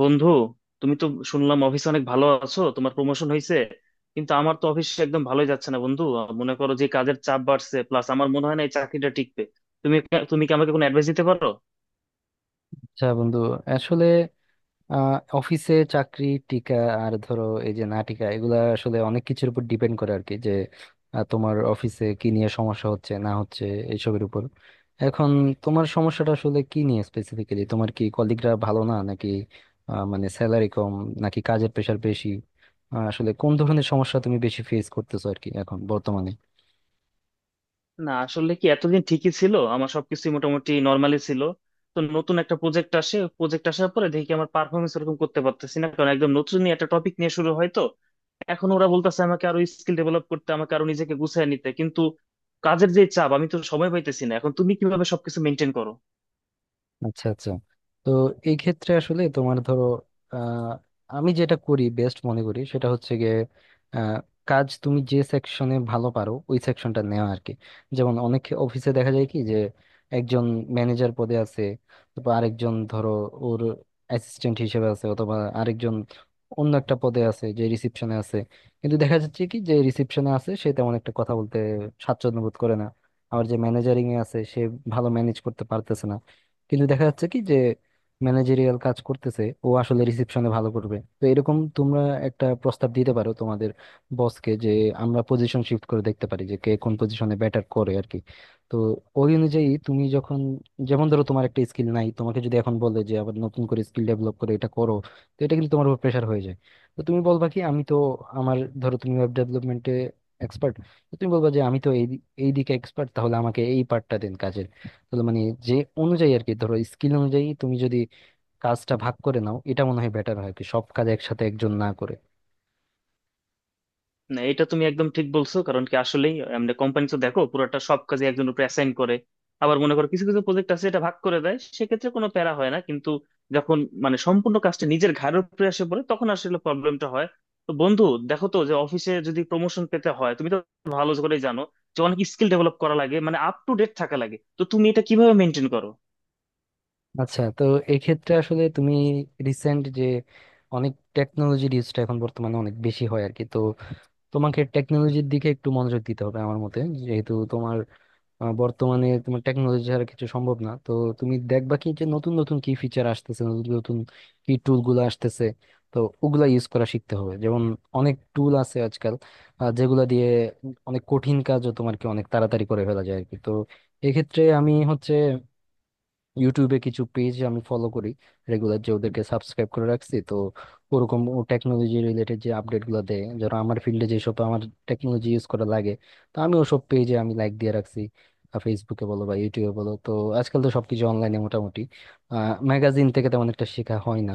বন্ধু, তুমি তো শুনলাম অফিসে অনেক ভালো আছো, তোমার প্রমোশন হয়েছে। কিন্তু আমার তো অফিসে একদম ভালোই যাচ্ছে না বন্ধু। মনে করো যে কাজের চাপ বাড়ছে, প্লাস আমার মনে হয় না এই চাকরিটা টিকবে। তুমি তুমি কি আমাকে কোনো অ্যাডভাইস দিতে পারো? আচ্ছা বন্ধু। আসলে আহ অফিসে চাকরি টিকা আর ধরো এই যে না টিকা এগুলা আসলে অনেক কিছুর উপর ডিপেন্ড করে আর কি। যে তোমার অফিসে কি নিয়ে সমস্যা হচ্ছে না হচ্ছে এইসবের উপর। এখন তোমার সমস্যাটা আসলে কি নিয়ে স্পেসিফিক্যালি? তোমার কি কলিগরা ভালো না, নাকি মানে স্যালারি কম, নাকি কাজের প্রেশার বেশি? আসলে কোন ধরনের সমস্যা তুমি বেশি ফেস করতেছো আর কি এখন বর্তমানে? না, আসলে কি এতদিন ঠিকই ছিল, আমার সবকিছু মোটামুটি নর্মালি ছিল। তো নতুন একটা প্রজেক্ট আসে, প্রজেক্ট আসার পরে দেখি আমার পারফরমেন্স এরকম করতে পারতেছি না, কারণ একদম নতুন নিয়ে একটা টপিক নিয়ে শুরু হয়। তো এখন ওরা বলতেছে আমাকে আরো স্কিল ডেভেলপ করতে, আমাকে আরো নিজেকে গুছিয়ে নিতে। কিন্তু কাজের যে চাপ, আমি তো সময় পাইতেছি না। এখন তুমি কিভাবে সবকিছু মেনটেন করো? আচ্ছা আচ্ছা। তো এই ক্ষেত্রে আসলে তোমার ধরো, আহ, আমি যেটা করি বেস্ট মনে করি সেটা হচ্ছে গিয়ে, আহ, কাজ তুমি যে সেকশনে ভালো পারো ওই সেকশনটা নেওয়া আর কি। যেমন অনেক অফিসে দেখা যায় কি, যে একজন ম্যানেজার পদে আছে, বা আরেকজন ধরো ওর অ্যাসিস্ট্যান্ট হিসেবে আছে, অথবা আরেকজন অন্য একটা পদে আছে যে রিসিপশনে আছে। কিন্তু দেখা যাচ্ছে কি যে রিসিপশনে আছে সে তেমন একটা কথা বলতে স্বাচ্ছন্দ্য বোধ করে না। আবার যে ম্যানেজারিং এ আছে সে ভালো ম্যানেজ করতে পারতেছে না। কিন্তু দেখা যাচ্ছে কি যে ম্যানেজেরিয়াল কাজ করতেছে ও আসলে রিসেপশনে ভালো করবে। তো এরকম তোমরা একটা প্রস্তাব দিতে পারো তোমাদের বসকে, যে আমরা পজিশন শিফট করে দেখতে পারি যে কে কোন পজিশনে ব্যাটার করে আর কি। তো ওই অনুযায়ী তুমি যখন, যেমন ধরো তোমার একটা স্কিল নাই, তোমাকে যদি এখন বলে যে আবার নতুন করে স্কিল ডেভেলপ করে এটা করো, তো এটা কিন্তু তোমার উপর প্রেশার হয়ে যায়। তো তুমি বলবা কি আমি তো, আমার ধরো তুমি ওয়েব ডেভেলপমেন্টে এক্সপার্ট, তুমি বলবা যে আমি তো এই দিকে এক্সপার্ট, তাহলে আমাকে এই পার্টটা দিন কাজের। তাহলে মানে যে অনুযায়ী আর কি, ধরো স্কিল অনুযায়ী তুমি যদি কাজটা ভাগ করে নাও, এটা মনে হয় বেটার হয় আর কি, সব কাজ একসাথে একজন না করে। না, এটা তুমি একদম ঠিক বলছো। কারণ কি, আসলেই আমরা কোম্পানি তো দেখো পুরোটা সব কাজে একজন উপরে অ্যাসাইন করে। আবার মনে করো কিছু কিছু প্রজেক্ট আছে এটা ভাগ করে দেয়, সেক্ষেত্রে কোনো প্যারা হয় না। কিন্তু যখন মানে সম্পূর্ণ কাজটা নিজের ঘাড়ের উপরে এসে পড়ে, তখন আসলে প্রবলেমটা হয়। তো বন্ধু, দেখো তো, যে অফিসে যদি প্রমোশন পেতে হয়, তুমি তো ভালো করেই জানো যে অনেক স্কিল ডেভেলপ করা লাগে, মানে আপ টু ডেট থাকা লাগে। তো তুমি এটা কিভাবে মেনটেন করো? আচ্ছা। তো এক্ষেত্রে আসলে তুমি রিসেন্ট যে অনেক টেকনোলজির ইউজটা এখন বর্তমানে অনেক বেশি হয় আর কি, তো তোমাকে টেকনোলজির দিকে একটু মনোযোগ দিতে হবে আমার মতে। যেহেতু তোমার বর্তমানে তোমার টেকনোলজি ছাড়া কিছু সম্ভব না। তো তুমি দেখবা কি যে নতুন নতুন কি ফিচার আসতেছে, নতুন নতুন কি টুল গুলো আসতেছে, তো ওগুলা ইউজ করা শিখতে হবে। যেমন অনেক টুল আছে আজকাল, যেগুলা দিয়ে অনেক কঠিন কাজও তোমার কি অনেক তাড়াতাড়ি করে ফেলা যায় আর কি। তো এক্ষেত্রে আমি হচ্ছে ইউটিউবে কিছু পেজ আমি ফলো করি রেগুলার, যে ওদেরকে সাবস্ক্রাইব করে রাখছি। তো ওরকম ও টেকনোলজি রিলেটেড যে আপডেট গুলো দেয় যারা, আমার ফিল্ডে যেসব আমার টেকনোলজি ইউজ করা লাগে, তো আমি ওসব পেজে আমি লাইক দিয়ে রাখছি, ফেসবুকে বলো বা ইউটিউবে বলো। তো আজকাল তো সবকিছু অনলাইনে মোটামুটি, ম্যাগাজিন থেকে তেমন একটা শেখা হয় না।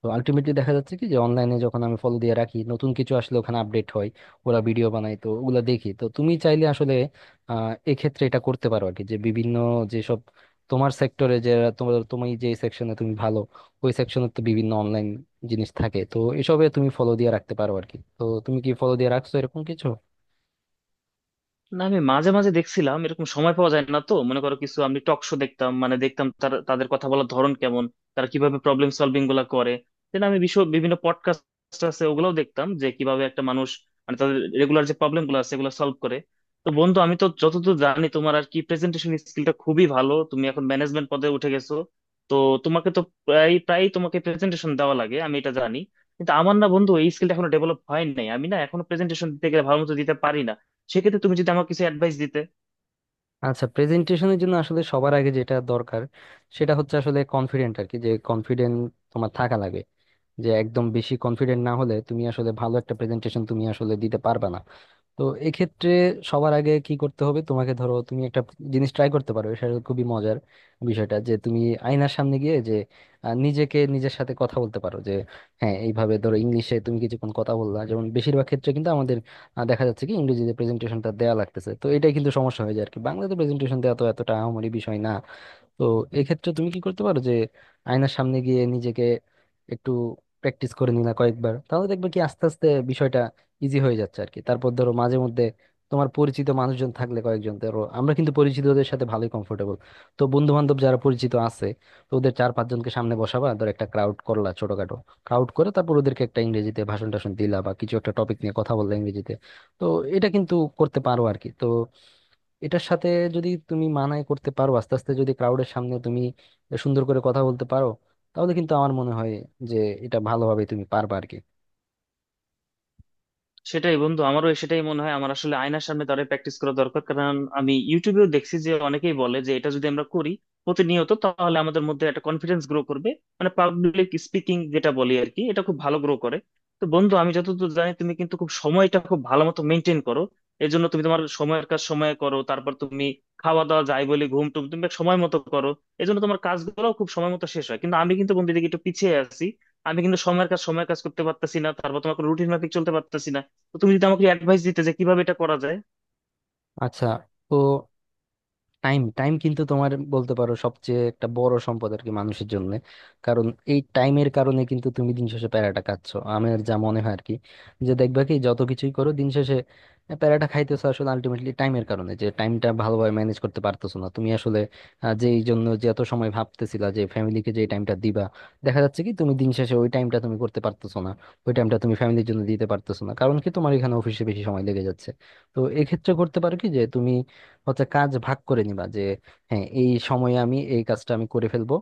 তো আলটিমেটলি দেখা যাচ্ছে কি যে অনলাইনে যখন আমি ফলো দিয়ে রাখি, নতুন কিছু আসলে ওখানে আপডেট হয়, ওরা ভিডিও বানায়, তো ওগুলা দেখি। তো তুমি চাইলে আসলে এক্ষেত্রে এটা করতে পারো আর কি, যে বিভিন্ন যেসব তোমার সেক্টরে, যে তোমার তুমি যে সেকশনে তুমি ভালো, ওই সেকশনে তো বিভিন্ন অনলাইন জিনিস থাকে, তো এসবে তুমি ফলো দিয়ে রাখতে পারো আর কি। তো তুমি কি ফলো দিয়ে রাখছো এরকম কিছু? না, আমি মাঝে মাঝে দেখছিলাম, এরকম সময় পাওয়া যায় না। তো মনে করো কিছু আমি টক শো দেখতাম, মানে দেখতাম তাদের কথা বলার ধরন কেমন, তারা কিভাবে প্রবলেম সলভিং গুলা করে। দেন আমি বিশ্ব বিভিন্ন পডকাস্ট আছে ওগুলোও দেখতাম, যে কিভাবে একটা মানুষ মানে তাদের রেগুলার যে প্রবলেম গুলো আছে এগুলো সলভ করে। তো বন্ধু, আমি তো যতদূর জানি, তোমার আর কি প্রেজেন্টেশন স্কিলটা খুবই ভালো, তুমি এখন ম্যানেজমেন্ট পদে উঠে গেছো। তো তোমাকে তো প্রায় প্রায় তোমাকে প্রেজেন্টেশন দেওয়া লাগে, আমি এটা জানি। কিন্তু আমার না বন্ধু এই স্কিলটা এখনো ডেভেলপ হয় নাই। আমি না এখনো প্রেজেন্টেশন দিতে গেলে ভালো মতো দিতে পারি না। সেক্ষেত্রে তুমি যদি আমাকে কিছু অ্যাডভাইস দিতে। আচ্ছা। প্রেজেন্টেশনের জন্য আসলে সবার আগে যেটা দরকার সেটা হচ্ছে আসলে কনফিডেন্ট আর কি। যে কনফিডেন্ট তোমার থাকা লাগে, যে একদম বেশি কনফিডেন্ট না হলে তুমি আসলে ভালো একটা প্রেজেন্টেশন তুমি আসলে দিতে পারবে না। তো এক্ষেত্রে সবার আগে কি করতে হবে, তোমাকে ধরো তুমি একটা জিনিস ট্রাই করতে পারো, সেটা খুবই মজার বিষয়টা, যে তুমি আয়নার সামনে গিয়ে যে নিজেকে নিজের সাথে কথা বলতে পারো। যে হ্যাঁ, এইভাবে ধরো ইংলিশে তুমি কিছুক্ষণ কথা বললা, যেমন বেশিরভাগ ক্ষেত্রে কিন্তু আমাদের দেখা যাচ্ছে কি ইংরেজিতে প্রেজেন্টেশনটা দেওয়া লাগতেছে, তো এটাই কিন্তু সমস্যা হয়ে যায় আর কি, বাংলাতে প্রেজেন্টেশন দেওয়া তো এতটা আহামরি বিষয় না। তো এক্ষেত্রে তুমি কি করতে পারো, যে আয়নার সামনে গিয়ে নিজেকে একটু প্র্যাকটিস করে নিলা কয়েকবার, তাহলে দেখবে কি আস্তে আস্তে বিষয়টা ইজি হয়ে যাচ্ছে আর কি। তারপর ধরো মাঝে মধ্যে তোমার পরিচিত মানুষজন থাকলে কয়েকজন, ধরো আমরা কিন্তু পরিচিতদের সাথে ভালোই কমফোর্টেবল, তো বন্ধু বান্ধব যারা পরিচিত আছে, তো ওদের চার পাঁচজনকে সামনে বসাবা, ধর একটা ক্রাউড করলা ছোটখাটো, ক্রাউড করে তারপর ওদেরকে একটা ইংরেজিতে ভাষণ টাষণ দিলা বা কিছু একটা টপিক নিয়ে কথা বললা ইংরেজিতে, তো এটা কিন্তু করতে পারো আর কি। তো এটার সাথে যদি তুমি মানায় করতে পারো, আস্তে আস্তে যদি ক্রাউডের সামনে তুমি সুন্দর করে কথা বলতে পারো, তাহলে কিন্তু আমার মনে হয় যে এটা ভালোভাবে তুমি পারবে আর কি। সেটাই বন্ধু, আমারও সেটাই মনে হয়। আমার আসলে আয়নার সামনে দাঁড়িয়ে প্র্যাকটিস করা দরকার, কারণ আমি ইউটিউবেও দেখছি যে অনেকেই বলে যে এটা যদি আমরা করি প্রতিনিয়ত, তাহলে আমাদের মধ্যে একটা কনফিডেন্স গ্রো করবে। মানে পাবলিক স্পিকিং যেটা বলি আর কি, এটা খুব ভালো গ্রো করে। তো বন্ধু, আমি যতদূর জানি তুমি কিন্তু খুব সময়টা খুব ভালো মতো মেনটেন করো। এই জন্য তুমি তোমার সময়ের কাজ সময়ে করো, তারপর তুমি খাওয়া দাওয়া যাই বলে, ঘুম টুম তুমি সময় মতো করো। এই জন্য তোমার কাজগুলো খুব সময় মতো শেষ হয়। কিন্তু আমি কিন্তু বন্ধু এদিকে একটু পিছিয়ে আছি। আমি কিন্তু সময়ের কাজ সময়ের কাজ করতে পারতেছি না, তারপর তোমার রুটিন মাফিক চলতে পারতেছি না। তো তুমি যদি আমাকে অ্যাডভাইস দিতে যে কিভাবে এটা করা যায়। আচ্ছা। তো টাইম টাইম কিন্তু তোমার বলতে পারো সবচেয়ে একটা বড় সম্পদ আর কি মানুষের জন্য। কারণ এই টাইমের কারণে কিন্তু তুমি দিন শেষে প্যারাটা খাচ্ছ আমার যা মনে হয় আর কি। যে দেখবা কি যত কিছুই করো দিন শেষে প্যারাটা খাইতেছো আসলে আলটিমেটলি টাইমের কারণে, যে টাইমটা ভালোভাবে ম্যানেজ করতে পারতেছো না তুমি আসলে। যেই জন্য যে এত সময় ভাবতেছিলা যে ফ্যামিলিকে যে টাইমটা দিবা, দেখা যাচ্ছে কি তুমি দিন শেষে ওই টাইমটা তুমি করতে পারতেছো না, ওই টাইমটা তুমি ফ্যামিলির জন্য দিতে পারতেছো না, কারণ কি তোমার এখানে অফিসে বেশি সময় লেগে যাচ্ছে। তো এক্ষেত্রে করতে পারো কি যে তুমি হচ্ছে কাজ ভাগ করে নিবা। যে হ্যাঁ, এই সময়ে আমি এই কাজটা আমি করে ফেলবো,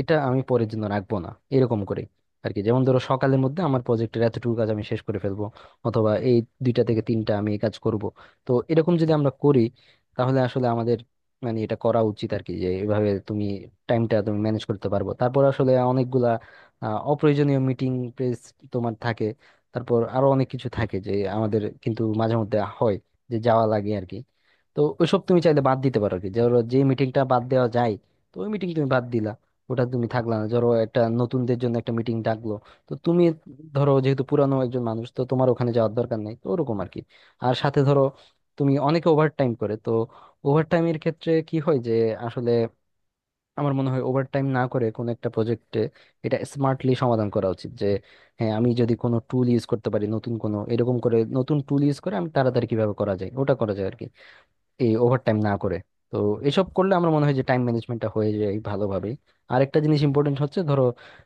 এটা আমি পরের জন্য রাখবো না, এরকম করে আর কি। যেমন ধরো সকালের মধ্যে আমার প্রজেক্টের এতটুকু কাজ আমি শেষ করে ফেলবো, অথবা এই দুইটা থেকে তিনটা আমি এই কাজ করব। তো এরকম যদি আমরা করি তাহলে আসলে আমাদের মানে এটা করা উচিত আর কি, যে এভাবে তুমি টাইমটা তুমি ম্যানেজ করতে পারবো। তারপর আসলে অনেকগুলা অপ্রয়োজনীয় মিটিং প্রেস তোমার থাকে, তারপর আরো অনেক কিছু থাকে যে আমাদের কিন্তু মাঝে মধ্যে হয় যে যাওয়া লাগে আর কি। তো ওইসব তুমি চাইলে বাদ দিতে পারো আর কি, ধরো যে মিটিংটা বাদ দেওয়া যায়, তো ওই মিটিং তুমি বাদ দিলা, ওটা তুমি থাকলা না, ধরো একটা নতুনদের জন্য একটা মিটিং ডাকলো, তো তুমি ধরো যেহেতু পুরানো একজন মানুষ, তো তোমার ওখানে যাওয়ার দরকার নাই, তো ওরকম আর কি। আর সাথে ধরো তুমি অনেকে ওভার টাইম করে, তো ওভার টাইমের ক্ষেত্রে কি হয় যে আসলে আমার মনে হয় ওভার টাইম না করে কোনো একটা প্রজেক্টে এটা স্মার্টলি সমাধান করা উচিত। যে হ্যাঁ, আমি যদি কোনো টুল ইউজ করতে পারি, নতুন কোনো এরকম করে নতুন টুল ইউজ করে আমি তাড়াতাড়ি কিভাবে করা যায় ওটা করা যায় আর কি। এই ওভারটাইম না করে। তো এসব করলে আমার মনে হয় যে টাইম ম্যানেজমেন্টটা হয়ে যায় ভালোভাবেই। আরেকটা জিনিস ইম্পর্টেন্ট হচ্ছে ধরো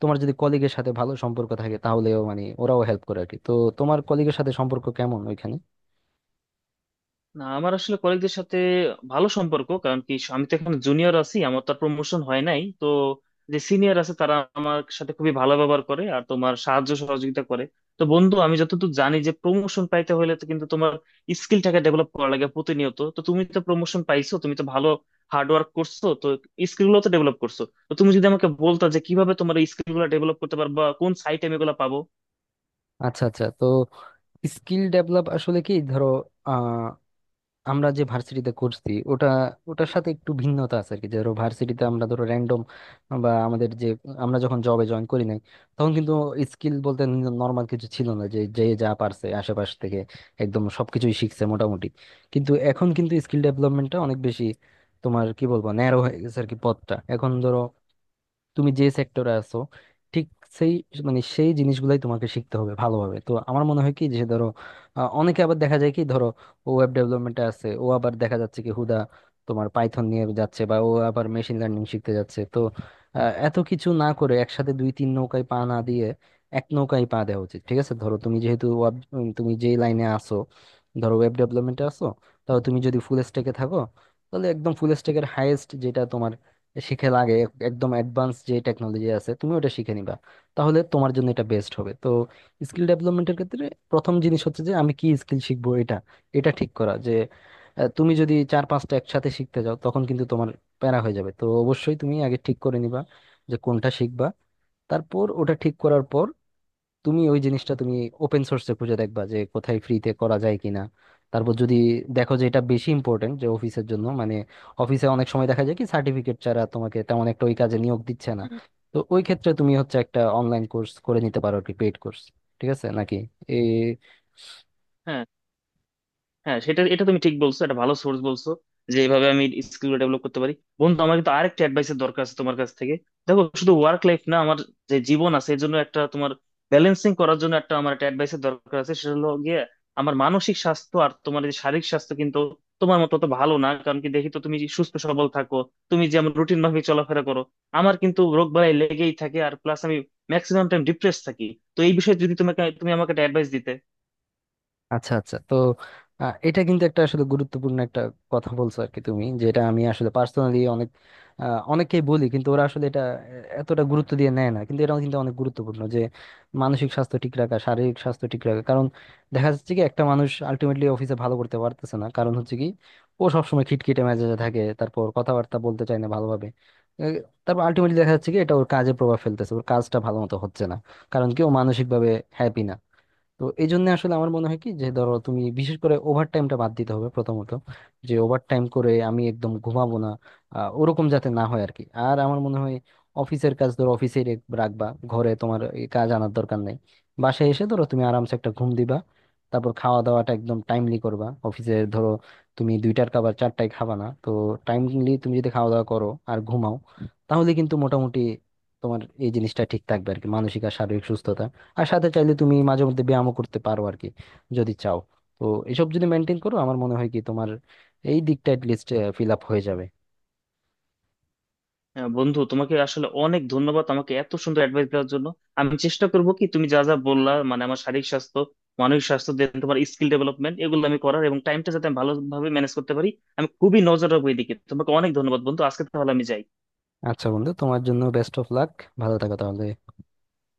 তোমার যদি কলিগের সাথে ভালো সম্পর্ক থাকে তাহলেও মানে ওরাও হেল্প করে আর কি। তো তোমার কলিগের সাথে সম্পর্ক কেমন ওইখানে? না, আমার আসলে কলিগদের সাথে ভালো সম্পর্ক। কারণ কি আমি তো এখন জুনিয়র আছি, আমার তো প্রমোশন হয় নাই। তো যে সিনিয়র আছে তারা আমার সাথে খুবই ভালো ব্যবহার করে আর তোমার সাহায্য সহযোগিতা করে। তো বন্ধু, আমি যতটুকু জানি যে প্রমোশন পাইতে হলে তো কিন্তু তোমার স্কিলটাকে ডেভেলপ করা লাগে প্রতিনিয়ত। তো তুমি তো প্রমোশন পাইছো, তুমি তো ভালো হার্ড ওয়ার্ক করছো, তো স্কিল গুলো তো ডেভেলপ করছো। তো তুমি যদি আমাকে বলতা যে কিভাবে তোমার এই স্কিল গুলো ডেভেলপ করতে পারবা, কোন সাইটে আমি এগুলো পাবো। আচ্ছা আচ্ছা। তো স্কিল ডেভেলপ আসলে কি, ধরো আমরা যে ভার্সিটিতে করছি ওটা, ওটার সাথে একটু ভিন্নতা আছে আর কি। ধরো ভার্সিটিতে আমরা ধরো র্যান্ডম বা আমাদের যে, আমরা যখন জবে জয়েন করি নাই, তখন কিন্তু স্কিল বলতে নর্মাল কিছু ছিল না, যে যে যা পারছে আশেপাশ থেকে একদম সবকিছুই শিখছে মোটামুটি। কিন্তু এখন কিন্তু স্কিল ডেভেলপমেন্টটা অনেক বেশি তোমার কি বলবো ন্যারো হয়ে গেছে আর কি পথটা। এখন ধরো তুমি যে সেক্টরে আছো ঠিক সেই মানে সেই জিনিসগুলাই তোমাকে শিখতে হবে ভালোভাবে। তো আমার মনে হয় কি যে ধরো, অনেকে আবার দেখা যায় কি, ধরো ও ওয়েব ডেভেলপমেন্টে আছে, ও আবার দেখা যাচ্ছে কি হুদা তোমার পাইথন নিয়ে যাচ্ছে, বা ও আবার মেশিন লার্নিং শিখতে যাচ্ছে। তো আহ, এত কিছু না করে, একসাথে দুই তিন নৌকায় পা না দিয়ে এক নৌকায় পা দেওয়া উচিত। ঠিক আছে, ধরো তুমি যেহেতু তুমি যেই লাইনে আসো, ধরো ওয়েব ডেভেলপমেন্টে আসো, তাহলে তুমি যদি ফুল স্ট্যাকে থাকো তাহলে একদম ফুল স্ট্যাকের হাইয়েস্ট যেটা তোমার শিখে লাগে, একদম অ্যাডভান্স যে টেকনোলজি আছে তুমি ওটা শিখে নিবা, তাহলে তোমার জন্য এটা বেস্ট হবে। তো স্কিল ডেভেলপমেন্টের ক্ষেত্রে প্রথম জিনিস হচ্ছে যে আমি কি স্কিল শিখবো, এটা এটা ঠিক করা। যে তুমি যদি চার পাঁচটা একসাথে শিখতে যাও তখন কিন্তু তোমার প্যারা হয়ে যাবে। তো অবশ্যই তুমি আগে ঠিক করে নিবা যে কোনটা শিখবা। তারপর ওটা ঠিক করার পর তুমি ওই জিনিসটা তুমি ওপেন সোর্সে খুঁজে দেখবা যে কোথায় ফ্রিতে করা যায় কিনা। তারপর যদি দেখো যে এটা বেশি ইম্পর্টেন্ট যে অফিসের জন্য, মানে অফিসে অনেক সময় দেখা যায় কি সার্টিফিকেট ছাড়া তোমাকে তেমন একটা ওই কাজে নিয়োগ দিচ্ছে না, তো ওই ক্ষেত্রে তুমি হচ্ছে একটা অনলাইন কোর্স করে নিতে পারো আর কি, পেইড কোর্স। ঠিক আছে নাকি? হ্যাঁ, হ্যাঁ, সেটা, এটা তুমি ঠিক বলছো, এটা ভালো সোর্স বলছো, যে এইভাবে আমি স্কিল ডেভেলপ করতে পারি। বন্ধু, আমার কিন্তু আরেকটা অ্যাডভাইসের দরকার আছে তোমার কাছ থেকে। দেখো, শুধু ওয়ার্ক লাইফ না, আমার যে জীবন আছে এর জন্য একটা তোমার ব্যালেন্সিং করার জন্য একটা আমার একটা অ্যাডভাইসের দরকার আছে। সেটা হলো গিয়ে আমার মানসিক স্বাস্থ্য আর তোমার এই যে শারীরিক স্বাস্থ্য কিন্তু তোমার মতো তো ভালো না। কারণ কি, দেখি তো তুমি সুস্থ সবল থাকো, তুমি যেমন রুটিন মাফিক চলাফেরা করো। আমার কিন্তু রোগ বালাই লেগেই থাকে, আর প্লাস আমি ম্যাক্সিমাম টাইম ডিপ্রেস থাকি। তো এই বিষয়ে যদি তোমাকে তুমি আমাকে একটা অ্যাডভাইস দিতে। আচ্ছা আচ্ছা। তো এটা কিন্তু একটা আসলে গুরুত্বপূর্ণ একটা কথা বলছো আর কি তুমি, যেটা আমি আসলে পার্সোনালি অনেক অনেককেই বলি, কিন্তু ওরা আসলে এটা এতটা গুরুত্ব দিয়ে নেয় না। কিন্তু এটাও কিন্তু অনেক গুরুত্বপূর্ণ, যে মানসিক স্বাস্থ্য ঠিক রাখা, শারীরিক স্বাস্থ্য ঠিক রাখা। কারণ দেখা যাচ্ছে কি একটা মানুষ আলটিমেটলি অফিসে ভালো করতে পারতেছে না, কারণ হচ্ছে কি ও সবসময় খিটখিটে মেজাজে থাকে, তারপর কথাবার্তা বলতে চায় না ভালোভাবে, আহ, তারপর আলটিমেটলি দেখা যাচ্ছে কি এটা ওর কাজে প্রভাব ফেলতেছে, ওর কাজটা ভালো মতো হচ্ছে না, কারণ কি ও মানসিক ভাবে হ্যাপি না। তো এই জন্য আসলে আমার মনে হয় কি যে ধরো তুমি বিশেষ করে ওভার টাইমটা বাদ দিতে হবে প্রথমত, যে ওভার টাইম করে আমি একদম ঘুমাবো না, ওরকম যাতে না হয় আর কি। আর আমার মনে হয় অফিসের কাজ ধরো অফিসে রাখবা, ঘরে তোমার এই কাজ আনার দরকার নেই। বাসায় এসে ধরো তুমি আরামসে একটা ঘুম দিবা, তারপর খাওয়া দাওয়াটা একদম টাইমলি করবা। অফিসের ধরো তুমি দুইটার খাবার চারটায় খাবা না। তো টাইমলি তুমি যদি খাওয়া দাওয়া করো আর ঘুমাও তাহলে কিন্তু মোটামুটি তোমার এই জিনিসটা ঠিক থাকবে আর কি, মানসিক আর শারীরিক সুস্থতা। আর সাথে চাইলে তুমি মাঝে মধ্যে ব্যায়ামও করতে পারো আর কি, যদি চাও। তো এসব যদি মেনটেন করো আমার মনে হয় কি তোমার এই দিকটা লিস্ট ফিল আপ হয়ে যাবে। হ্যাঁ বন্ধু, তোমাকে আসলে অনেক ধন্যবাদ আমাকে এত সুন্দর অ্যাডভাইস দেওয়ার জন্য। আমি চেষ্টা করব কি তুমি যা যা বললা, মানে আমার শারীরিক স্বাস্থ্য, মানসিক স্বাস্থ্য, দেন তোমার স্কিল ডেভেলপমেন্ট, এগুলো আমি করার এবং টাইমটা যাতে আমি ভালোভাবে ম্যানেজ করতে পারি। আমি খুবই নজর রাখবো এদিকে। তোমাকে অনেক ধন্যবাদ বন্ধু। আজকে তাহলে আমি যাই। আচ্ছা বন্ধু, তোমার জন্য বেস্ট অফ লাক। ভালো থাকো তাহলে।